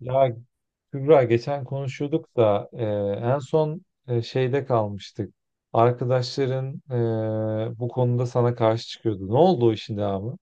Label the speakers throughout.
Speaker 1: Ya Kübra geçen konuşuyorduk da en son şeyde kalmıştık. Arkadaşların bu konuda sana karşı çıkıyordu. Ne oldu o işin devamı?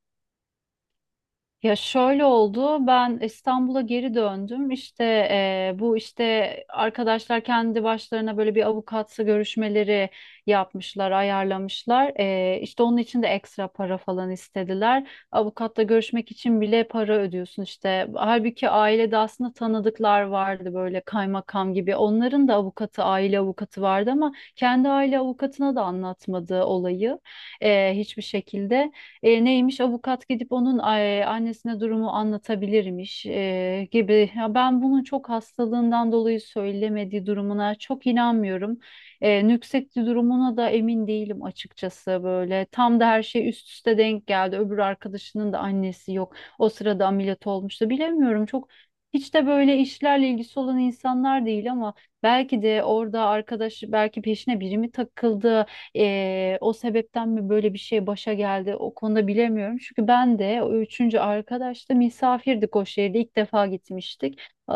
Speaker 2: Ya şöyle oldu. Ben İstanbul'a geri döndüm. İşte bu işte arkadaşlar kendi başlarına böyle bir avukatsı görüşmeleri yapmışlar, ayarlamışlar. İşte onun için de ekstra para falan istediler. Avukatla görüşmek için bile para ödüyorsun işte. Halbuki ailede aslında tanıdıklar vardı böyle kaymakam gibi. Onların da avukatı, aile avukatı vardı ama kendi aile avukatına da anlatmadı olayı hiçbir şekilde. Neymiş avukat gidip onun annesine durumu anlatabilirmiş gibi. Ya ben bunun çok hastalığından dolayı söylemediği durumuna çok inanmıyorum. Nüksetti durumuna da emin değilim açıkçası böyle. Tam da her şey üst üste denk geldi. Öbür arkadaşının da annesi yok. O sırada ameliyat olmuştu. Bilemiyorum, çok hiç de böyle işlerle ilgisi olan insanlar değil ama belki de orada arkadaş, belki peşine biri mi takıldı? O sebepten mi böyle bir şey başa geldi, o konuda bilemiyorum. Çünkü ben de o üçüncü arkadaşla misafirdik, o şehirde ilk defa gitmiştik.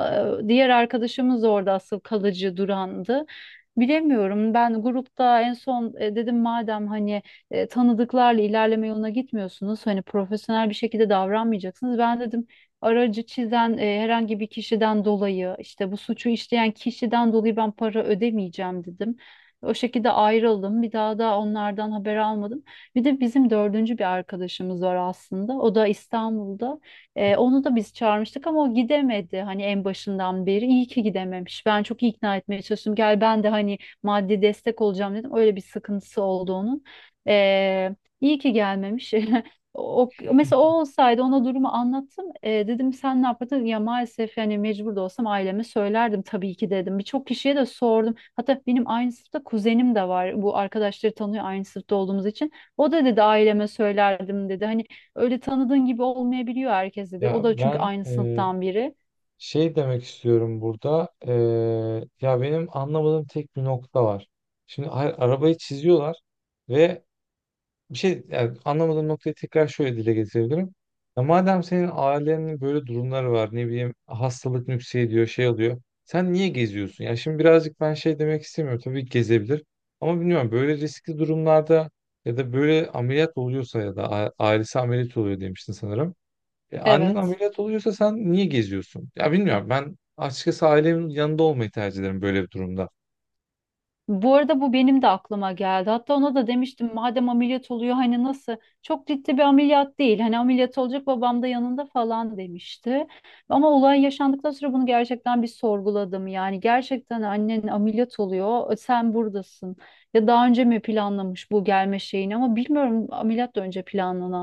Speaker 2: Diğer arkadaşımız orada asıl kalıcı durandı. Bilemiyorum, ben grupta en son dedim madem hani tanıdıklarla ilerleme yoluna gitmiyorsunuz, hani profesyonel bir şekilde davranmayacaksınız. Ben dedim aracı çizen herhangi bir kişiden dolayı, işte bu suçu işleyen kişiden dolayı ben para ödemeyeceğim dedim. O şekilde ayrıldım. Bir daha da onlardan haber almadım. Bir de bizim dördüncü bir arkadaşımız var aslında. O da İstanbul'da. Onu da biz çağırmıştık ama o gidemedi. Hani en başından beri iyi ki gidememiş. Ben çok ikna etmeye çalıştım. Gel, ben de hani maddi destek olacağım dedim. Öyle bir sıkıntısı oldu onun. Ee, iyi ki gelmemiş. O, mesela o olsaydı, ona durumu anlattım. Dedim sen ne yapardın? Ya maalesef yani mecbur da olsam aileme söylerdim tabii ki dedim. Birçok kişiye de sordum. Hatta benim aynı sınıfta kuzenim de var. Bu arkadaşları tanıyor aynı sınıfta olduğumuz için. O da dedi aileme söylerdim dedi. Hani öyle tanıdığın gibi olmayabiliyor herkes dedi.
Speaker 1: Ya
Speaker 2: O da çünkü
Speaker 1: ben
Speaker 2: aynı sınıftan biri.
Speaker 1: şey demek istiyorum burada. Ya benim anlamadığım tek bir nokta var. Şimdi arabayı çiziyorlar ve bir şey, yani anlamadığım noktayı tekrar şöyle dile getirebilirim. Ya madem senin ailenin böyle durumları var, ne bileyim hastalık nüksediyor, şey oluyor. Sen niye geziyorsun? Ya şimdi birazcık ben şey demek istemiyorum. Tabii ki gezebilir. Ama bilmiyorum, böyle riskli durumlarda ya da böyle ameliyat oluyorsa ya da ailesi ameliyat oluyor demiştin sanırım. E, annen
Speaker 2: Evet.
Speaker 1: ameliyat oluyorsa sen niye geziyorsun? Ya bilmiyorum, ben açıkçası ailemin yanında olmayı tercih ederim böyle bir durumda.
Speaker 2: Bu arada bu benim de aklıma geldi. Hatta ona da demiştim madem ameliyat oluyor, hani nasıl, çok ciddi bir ameliyat değil. Hani ameliyat olacak babam da yanında falan demişti. Ama olay yaşandıktan sonra bunu gerçekten bir sorguladım. Yani gerçekten annen ameliyat oluyor, sen buradasın. Ya daha önce mi planlamış bu gelme şeyini ama bilmiyorum, ameliyat da önce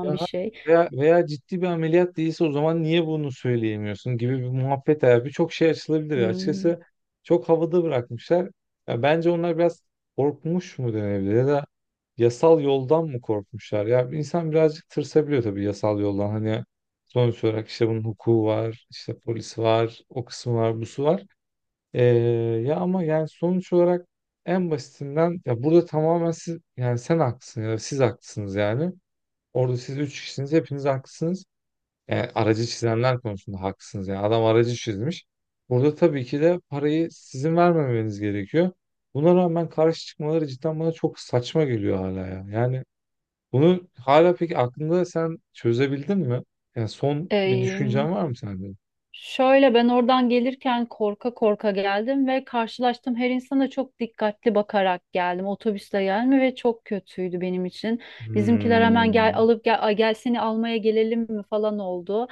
Speaker 1: Ya
Speaker 2: bir
Speaker 1: hayır.
Speaker 2: şey.
Speaker 1: Veya ciddi bir ameliyat değilse o zaman niye bunu söyleyemiyorsun gibi bir muhabbet abi. Birçok şey açılabilir.
Speaker 2: Hmm.
Speaker 1: Açıkçası çok havada bırakmışlar. Ya bence onlar biraz korkmuş mu denebilir ya da yasal yoldan mı korkmuşlar? Ya insan birazcık tırsabiliyor tabii yasal yoldan. Hani sonuç olarak işte bunun hukuku var, işte polis var, o kısmı var, busu var. Ee, Ya ama yani sonuç olarak en basitinden ya burada tamamen siz, yani sen haklısın ya da siz haklısınız yani. Orada siz üç kişisiniz. Hepiniz haklısınız. Yani aracı çizenler konusunda haklısınız. Yani adam aracı çizmiş. Burada tabii ki de parayı sizin vermemeniz gerekiyor. Buna rağmen karşı çıkmaları cidden bana çok saçma geliyor hala ya. Yani bunu hala peki aklında sen çözebildin mi? Yani son bir düşüncen var mı sende?
Speaker 2: Şöyle, ben oradan gelirken korka korka geldim ve karşılaştım, her insana çok dikkatli bakarak geldim. Otobüsle gelme ve çok kötüydü benim için. Bizimkiler hemen gel
Speaker 1: Hmm.
Speaker 2: alıp gel, ay gel seni almaya gelelim mi falan oldu.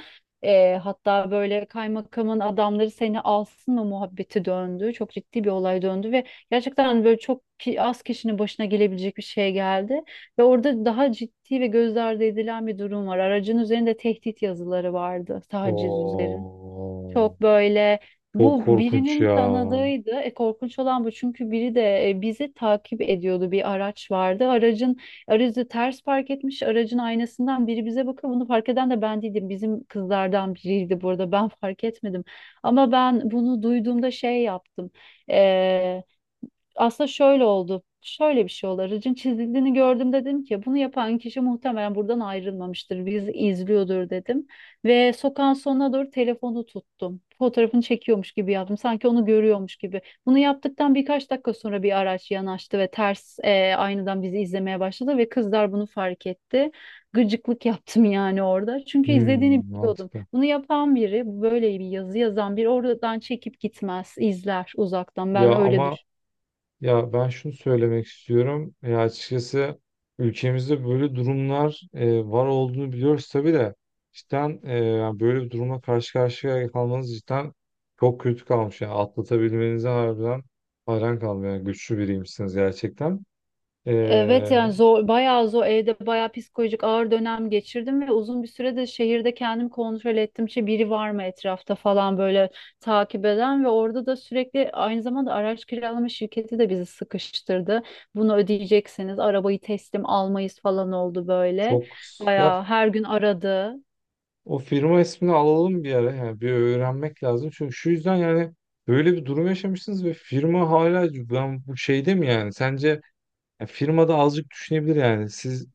Speaker 2: Hatta böyle kaymakamın adamları seni alsın mı muhabbeti döndü. Çok ciddi bir olay döndü ve gerçekten böyle çok az kişinin başına gelebilecek bir şey geldi. Ve orada daha ciddi ve göz ardı edilen bir durum var. Aracın üzerinde tehdit yazıları vardı, taciz üzerine. Çok
Speaker 1: Oo.
Speaker 2: böyle
Speaker 1: Çok
Speaker 2: bu
Speaker 1: korkunç
Speaker 2: birinin
Speaker 1: ya.
Speaker 2: tanıdığıydı. Korkunç olan bu, çünkü biri de bizi takip ediyordu, bir araç vardı. Aracı ters park etmiş. Aracın aynasından biri bize bakıyor. Bunu fark eden de ben değildim. Bizim kızlardan biriydi burada. Ben fark etmedim. Ama ben bunu duyduğumda şey yaptım, aslında şöyle oldu. Şöyle bir şey oldu. Aracın çizildiğini gördüm, dedim ki bunu yapan kişi muhtemelen buradan ayrılmamıştır. Bizi izliyordur dedim. Ve sokağın sonuna doğru telefonu tuttum. Fotoğrafını çekiyormuş gibi yaptım. Sanki onu görüyormuş gibi. Bunu yaptıktan birkaç dakika sonra bir araç yanaştı ve ters aynadan bizi izlemeye başladı ve kızlar bunu fark etti. Gıcıklık yaptım yani orada. Çünkü izlediğini
Speaker 1: Hmm,
Speaker 2: biliyordum.
Speaker 1: mantıklı.
Speaker 2: Bunu yapan biri, böyle bir yazı yazan biri oradan çekip gitmez, izler uzaktan. Ben
Speaker 1: Ya
Speaker 2: öyle
Speaker 1: ama
Speaker 2: düşünüyorum.
Speaker 1: ya ben şunu söylemek istiyorum. Ya açıkçası ülkemizde böyle durumlar var olduğunu biliyoruz tabii de cidden, yani böyle bir durumla karşı karşıya kalmanız cidden çok kötü kalmış. Yani atlatabilmenize harbiden hayran kaldım. Yani güçlü biriymişsiniz gerçekten. E,
Speaker 2: Evet, yani zor, bayağı zor, evde bayağı psikolojik ağır dönem geçirdim ve uzun bir sürede şehirde kendim kontrol ettim ki biri var mı etrafta falan böyle takip eden, ve orada da sürekli aynı zamanda araç kiralama şirketi de bizi sıkıştırdı. Bunu ödeyeceksiniz, arabayı teslim almayız falan oldu böyle,
Speaker 1: çok ya
Speaker 2: bayağı her gün aradı.
Speaker 1: o firma ismini alalım bir ara. Yani bir öğrenmek lazım. Çünkü şu yüzden yani böyle bir durum yaşamışsınız ve firma hala ben bu şeyde mi yani? Sence ya firma da azıcık düşünebilir yani. Siz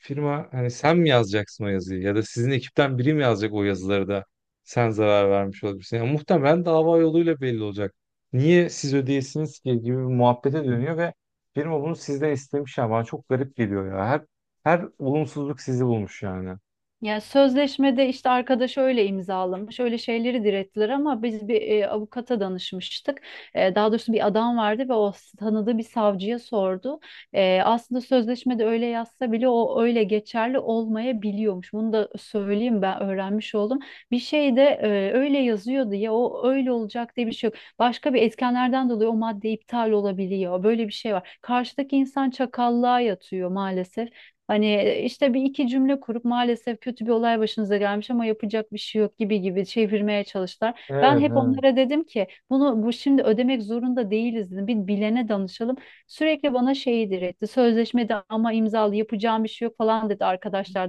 Speaker 1: firma, hani sen mi yazacaksın o yazıyı ya da sizin ekipten biri mi yazacak o yazıları da sen zarar vermiş olabilirsin. Yani muhtemelen dava yoluyla belli olacak. Niye siz ödeyesiniz ki gibi bir muhabbete dönüyor ve firma bunu sizden istemiş ya, bana çok garip geliyor ya. Her olumsuzluk sizi bulmuş yani.
Speaker 2: Ya sözleşmede işte arkadaş öyle imzalamış, öyle şeyleri direttiler ama biz bir avukata danışmıştık. E, daha doğrusu bir adam vardı ve o tanıdığı bir savcıya sordu. E, aslında sözleşmede öyle yazsa bile o öyle geçerli olmayabiliyormuş. Bunu da söyleyeyim, ben öğrenmiş oldum. Bir şey de öyle yazıyordu ya, o öyle olacak diye bir şey yok. Başka bir etkenlerden dolayı o madde iptal olabiliyor. Böyle bir şey var. Karşıdaki insan çakallığa yatıyor maalesef. Hani işte bir iki cümle kurup maalesef kötü bir olay başınıza gelmiş ama yapacak bir şey yok gibi gibi çevirmeye çalıştılar. Ben
Speaker 1: Evet,
Speaker 2: hep
Speaker 1: evet.
Speaker 2: onlara dedim ki bunu, bu şimdi ödemek zorunda değiliz dedim. Bir bilene danışalım. Sürekli bana şeyi diretti. Sözleşmede ama imzalı, yapacağım bir şey yok falan dedi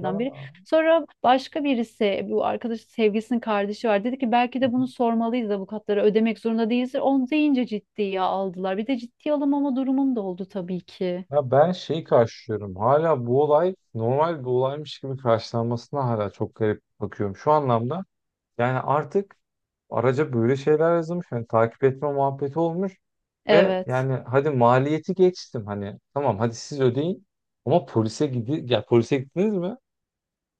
Speaker 1: Ya,
Speaker 2: biri. Sonra başka birisi, bu arkadaş sevgilisinin kardeşi var. Dedi ki belki de bunu sormalıyız avukatlara, ödemek zorunda değilsin. Onu deyince ciddiye aldılar. Bir de ciddiye alınmama durumum da oldu tabii ki.
Speaker 1: ya ben şeyi karşılıyorum. Hala bu olay normal bir olaymış gibi karşılanmasına hala çok garip bakıyorum. Şu anlamda yani artık araca böyle şeyler yazılmış. Yani takip etme muhabbeti olmuş. Ve
Speaker 2: Evet.
Speaker 1: yani hadi maliyeti geçtim. Hani tamam, hadi siz ödeyin. Ama polise gidi ya polise gittiniz mi?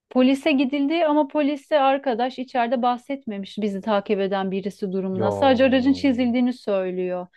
Speaker 2: Polise gidildi ama polise arkadaş içeride bahsetmemiş bizi takip eden birisi
Speaker 1: Ya,
Speaker 2: durumuna. Sadece aracın çizildiğini söylüyor.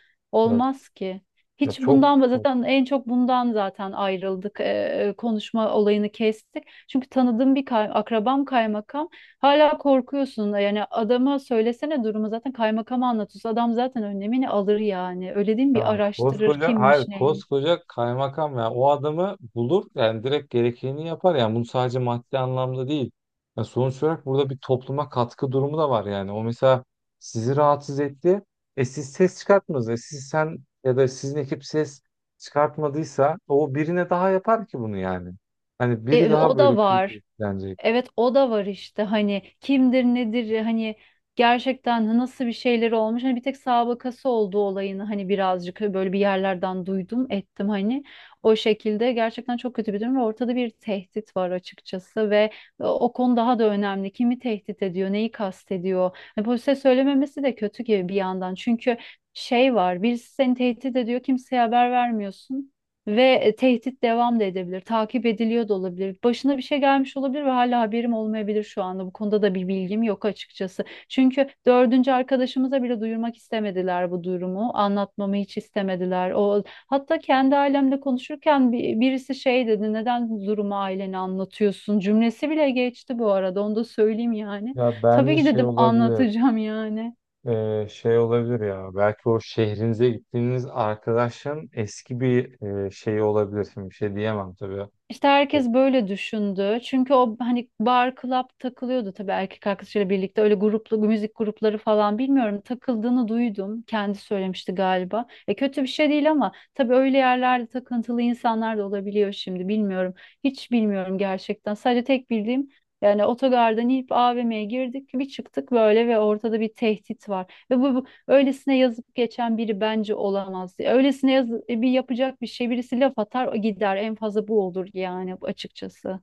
Speaker 1: ya,
Speaker 2: Olmaz ki.
Speaker 1: ya
Speaker 2: Hiç
Speaker 1: çok
Speaker 2: bundan zaten, en çok bundan zaten ayrıldık. Konuşma olayını kestik. Çünkü tanıdığım bir akrabam kaymakam. Hala korkuyorsun. Yani adama söylesene durumu, zaten kaymakama anlatıyorsun. Adam zaten önlemini alır yani. Öyle değil mi? Bir
Speaker 1: ya
Speaker 2: araştırır
Speaker 1: koskoca, hayır
Speaker 2: kimmiş neymiş.
Speaker 1: koskoca kaymakam ya, o adamı bulur yani direkt gerekeni yapar yani, bunu sadece maddi anlamda değil. Ya sonuç olarak burada bir topluma katkı durumu da var yani. O mesela sizi rahatsız etti. E siz ses çıkartmadınız. E siz sen ya da sizin ekip ses çıkartmadıysa o birine daha yapar ki bunu yani. Hani
Speaker 2: E,
Speaker 1: biri
Speaker 2: e,
Speaker 1: daha
Speaker 2: o
Speaker 1: böyle
Speaker 2: da
Speaker 1: kötü
Speaker 2: var.
Speaker 1: etkilenecek.
Speaker 2: Evet, o da var işte, hani kimdir nedir, hani gerçekten nasıl bir şeyleri olmuş, hani bir tek sabıkası olduğu olayını hani birazcık böyle bir yerlerden duydum ettim, hani o şekilde, gerçekten çok kötü bir durum ve ortada bir tehdit var açıkçası ve O konu daha da önemli, kimi tehdit ediyor, neyi kastediyor, hani polise söylememesi de kötü gibi bir yandan, çünkü şey var, birisi seni tehdit ediyor, kimseye haber vermiyorsun ve tehdit devam da edebilir, takip ediliyor da olabilir. Başına bir şey gelmiş olabilir ve hala haberim olmayabilir şu anda. Bu konuda da bir bilgim yok açıkçası. Çünkü dördüncü arkadaşımıza bile duyurmak istemediler bu durumu. Anlatmamı hiç istemediler. O, hatta kendi ailemle konuşurken birisi şey dedi, neden bu durumu ailene anlatıyorsun? Cümlesi bile geçti bu arada, onu da söyleyeyim yani.
Speaker 1: Ya
Speaker 2: Tabii
Speaker 1: bence
Speaker 2: ki
Speaker 1: şey
Speaker 2: dedim,
Speaker 1: olabilir.
Speaker 2: anlatacağım yani.
Speaker 1: Şey olabilir ya, belki o şehrinize gittiğiniz arkadaşın eski bir şeyi olabilir. Şimdi bir şey diyemem tabii.
Speaker 2: İşte
Speaker 1: O-
Speaker 2: herkes böyle düşündü. Çünkü o hani bar, club takılıyordu tabii erkek arkadaşıyla birlikte. Öyle gruplu, müzik grupları falan bilmiyorum. Takıldığını duydum. Kendi söylemişti galiba. E kötü bir şey değil ama tabii öyle yerlerde takıntılı insanlar da olabiliyor şimdi. Bilmiyorum. Hiç bilmiyorum gerçekten. Sadece tek bildiğim yani otogardan inip AVM'ye girdik, bir çıktık böyle ve ortada bir tehdit var. Ve bu öylesine yazıp geçen biri bence olamaz diye. Öylesine bir yapacak bir şey, birisi laf atar gider en fazla, bu olur yani açıkçası.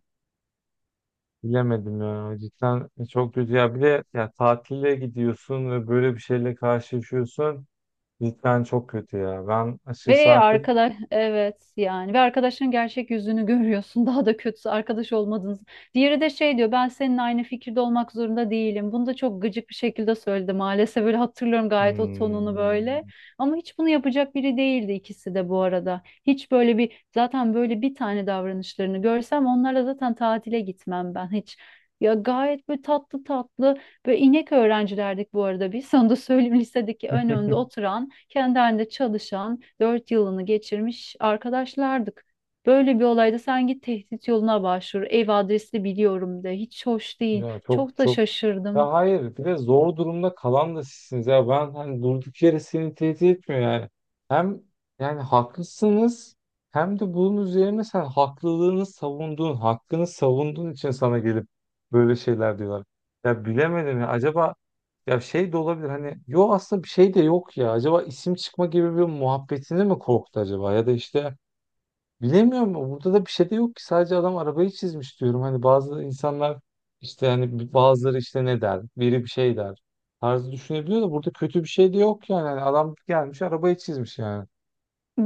Speaker 1: bilemedim ya, cidden çok kötü ya, bir de ya tatile gidiyorsun ve böyle bir şeyle karşılaşıyorsun cidden çok kötü ya, ben açıkçası
Speaker 2: Ve
Speaker 1: artık
Speaker 2: arkadaş, evet yani, ve arkadaşın gerçek yüzünü görüyorsun. Daha da kötüsü, arkadaş olmadınız. Diğeri de şey diyor, ben seninle aynı fikirde olmak zorunda değilim. Bunu da çok gıcık bir şekilde söyledi maalesef, böyle hatırlıyorum gayet o tonunu, böyle.
Speaker 1: hmm,
Speaker 2: Ama hiç bunu yapacak biri değildi ikisi de bu arada. Hiç böyle bir, zaten böyle bir tane davranışlarını görsem onlarla zaten tatile gitmem ben hiç. Ya gayet böyle tatlı tatlı, böyle inek öğrencilerdik bu arada biz. Sana da söyleyeyim lisedeki önde oturan, kendi halinde çalışan, dört yılını geçirmiş arkadaşlardık. Böyle bir olayda sen git tehdit yoluna başvur. Ev adresini biliyorum de. Hiç hoş değil.
Speaker 1: ya çok
Speaker 2: Çok da
Speaker 1: çok
Speaker 2: şaşırdım.
Speaker 1: ya hayır, bir de zor durumda kalan da sizsiniz ya, ben hani durduk yere seni tehdit etmiyor yani. Hem yani haklısınız hem de bunun üzerine sen haklılığını savunduğun, hakkını savunduğun için sana gelip böyle şeyler diyorlar. Ya bilemedim ya, acaba ya şey de olabilir hani, yo aslında bir şey de yok ya, acaba isim çıkma gibi bir muhabbetini mi korktu acaba, ya da işte bilemiyorum. Burada da bir şey de yok ki. Sadece adam arabayı çizmiş diyorum. Hani bazı insanlar işte, hani bazıları işte ne der? Biri bir şey der. Tarzı düşünebiliyor da, burada kötü bir şey de yok yani. Hani adam gelmiş arabayı çizmiş yani.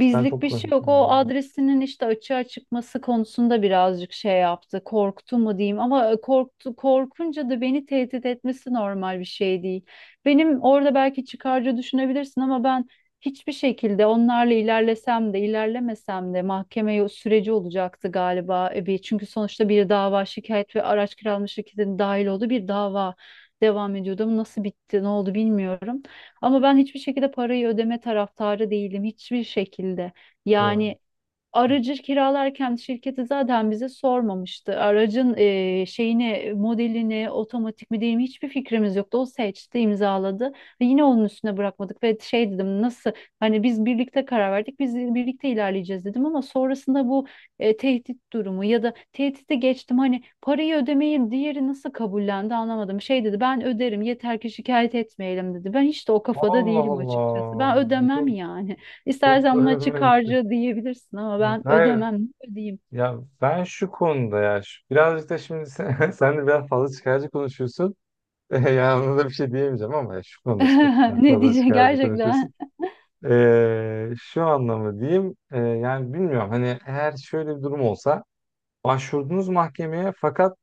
Speaker 1: Cidden çok
Speaker 2: bir şey
Speaker 1: garip
Speaker 2: yok. O
Speaker 1: yani.
Speaker 2: adresinin işte açığa çıkması konusunda birazcık şey yaptı. Korktu mu diyeyim ama korktu, korkunca da beni tehdit etmesi normal bir şey değil. Benim orada belki çıkarcı düşünebilirsin ama ben hiçbir şekilde onlarla ilerlesem de ilerlemesem de mahkeme süreci olacaktı galiba. E, bir, çünkü sonuçta bir dava şikayet ve araç kiralama şirketinin dahil olduğu bir dava devam ediyordu ama nasıl bitti ne oldu bilmiyorum. Ama ben hiçbir şekilde parayı ödeme taraftarı değilim. Hiçbir şekilde.
Speaker 1: Ya.
Speaker 2: Yani aracı kiralarken şirketi zaten bize sormamıştı. Aracın şeyini, modelini, otomatik mi değil mi hiçbir fikrimiz yoktu. O seçti, imzaladı. Ve yine onun üstüne bırakmadık ve şey dedim, nasıl hani biz birlikte karar verdik, biz birlikte ilerleyeceğiz dedim ama sonrasında bu tehdit durumu ya da tehdidi geçtim, hani parayı ödemeyi diğeri nasıl kabullendi anlamadım. Şey dedi, ben öderim yeter ki şikayet etmeyelim dedi. Ben hiç de o kafada
Speaker 1: Allah
Speaker 2: değilim açıkçası. Ben
Speaker 1: Allah. Çok,
Speaker 2: ödemem yani.
Speaker 1: çok
Speaker 2: İstersen buna açık
Speaker 1: garip.
Speaker 2: harca diyebilirsin ama
Speaker 1: Ya,
Speaker 2: ben
Speaker 1: hayır.
Speaker 2: ödemem. Ne ödeyeyim?
Speaker 1: Ya ben şu konuda ya şu- birazcık da şimdi sen, sen de biraz fazla çıkarcı konuşuyorsun. Yani ona da bir şey diyemeyeceğim ama ya şu konuda çık- biraz
Speaker 2: Ne
Speaker 1: fazla
Speaker 2: diyecek
Speaker 1: çıkarcı konuşuyorsun.
Speaker 2: gerçekten?
Speaker 1: Şu anlamı diyeyim, yani bilmiyorum hani eğer şöyle bir durum olsa, başvurdunuz mahkemeye fakat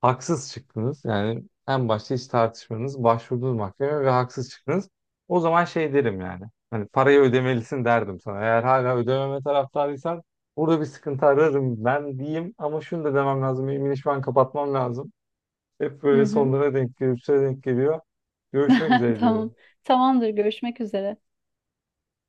Speaker 1: haksız çıktınız, yani en başta hiç tartışmanız, başvurdunuz mahkemeye ve haksız çıktınız, o zaman şey derim yani, hani parayı ödemelisin derdim sana. Eğer hala ödememe taraftarıysan burada bir sıkıntı ararım ben diyeyim, ama şunu da demem lazım, benim işi ben kapatmam lazım, hep
Speaker 2: Hı
Speaker 1: böyle
Speaker 2: hı.
Speaker 1: sonlara denk gelip denk geliyor, görüşmek üzere
Speaker 2: Tamam.
Speaker 1: diyorum.
Speaker 2: Tamamdır. Görüşmek üzere.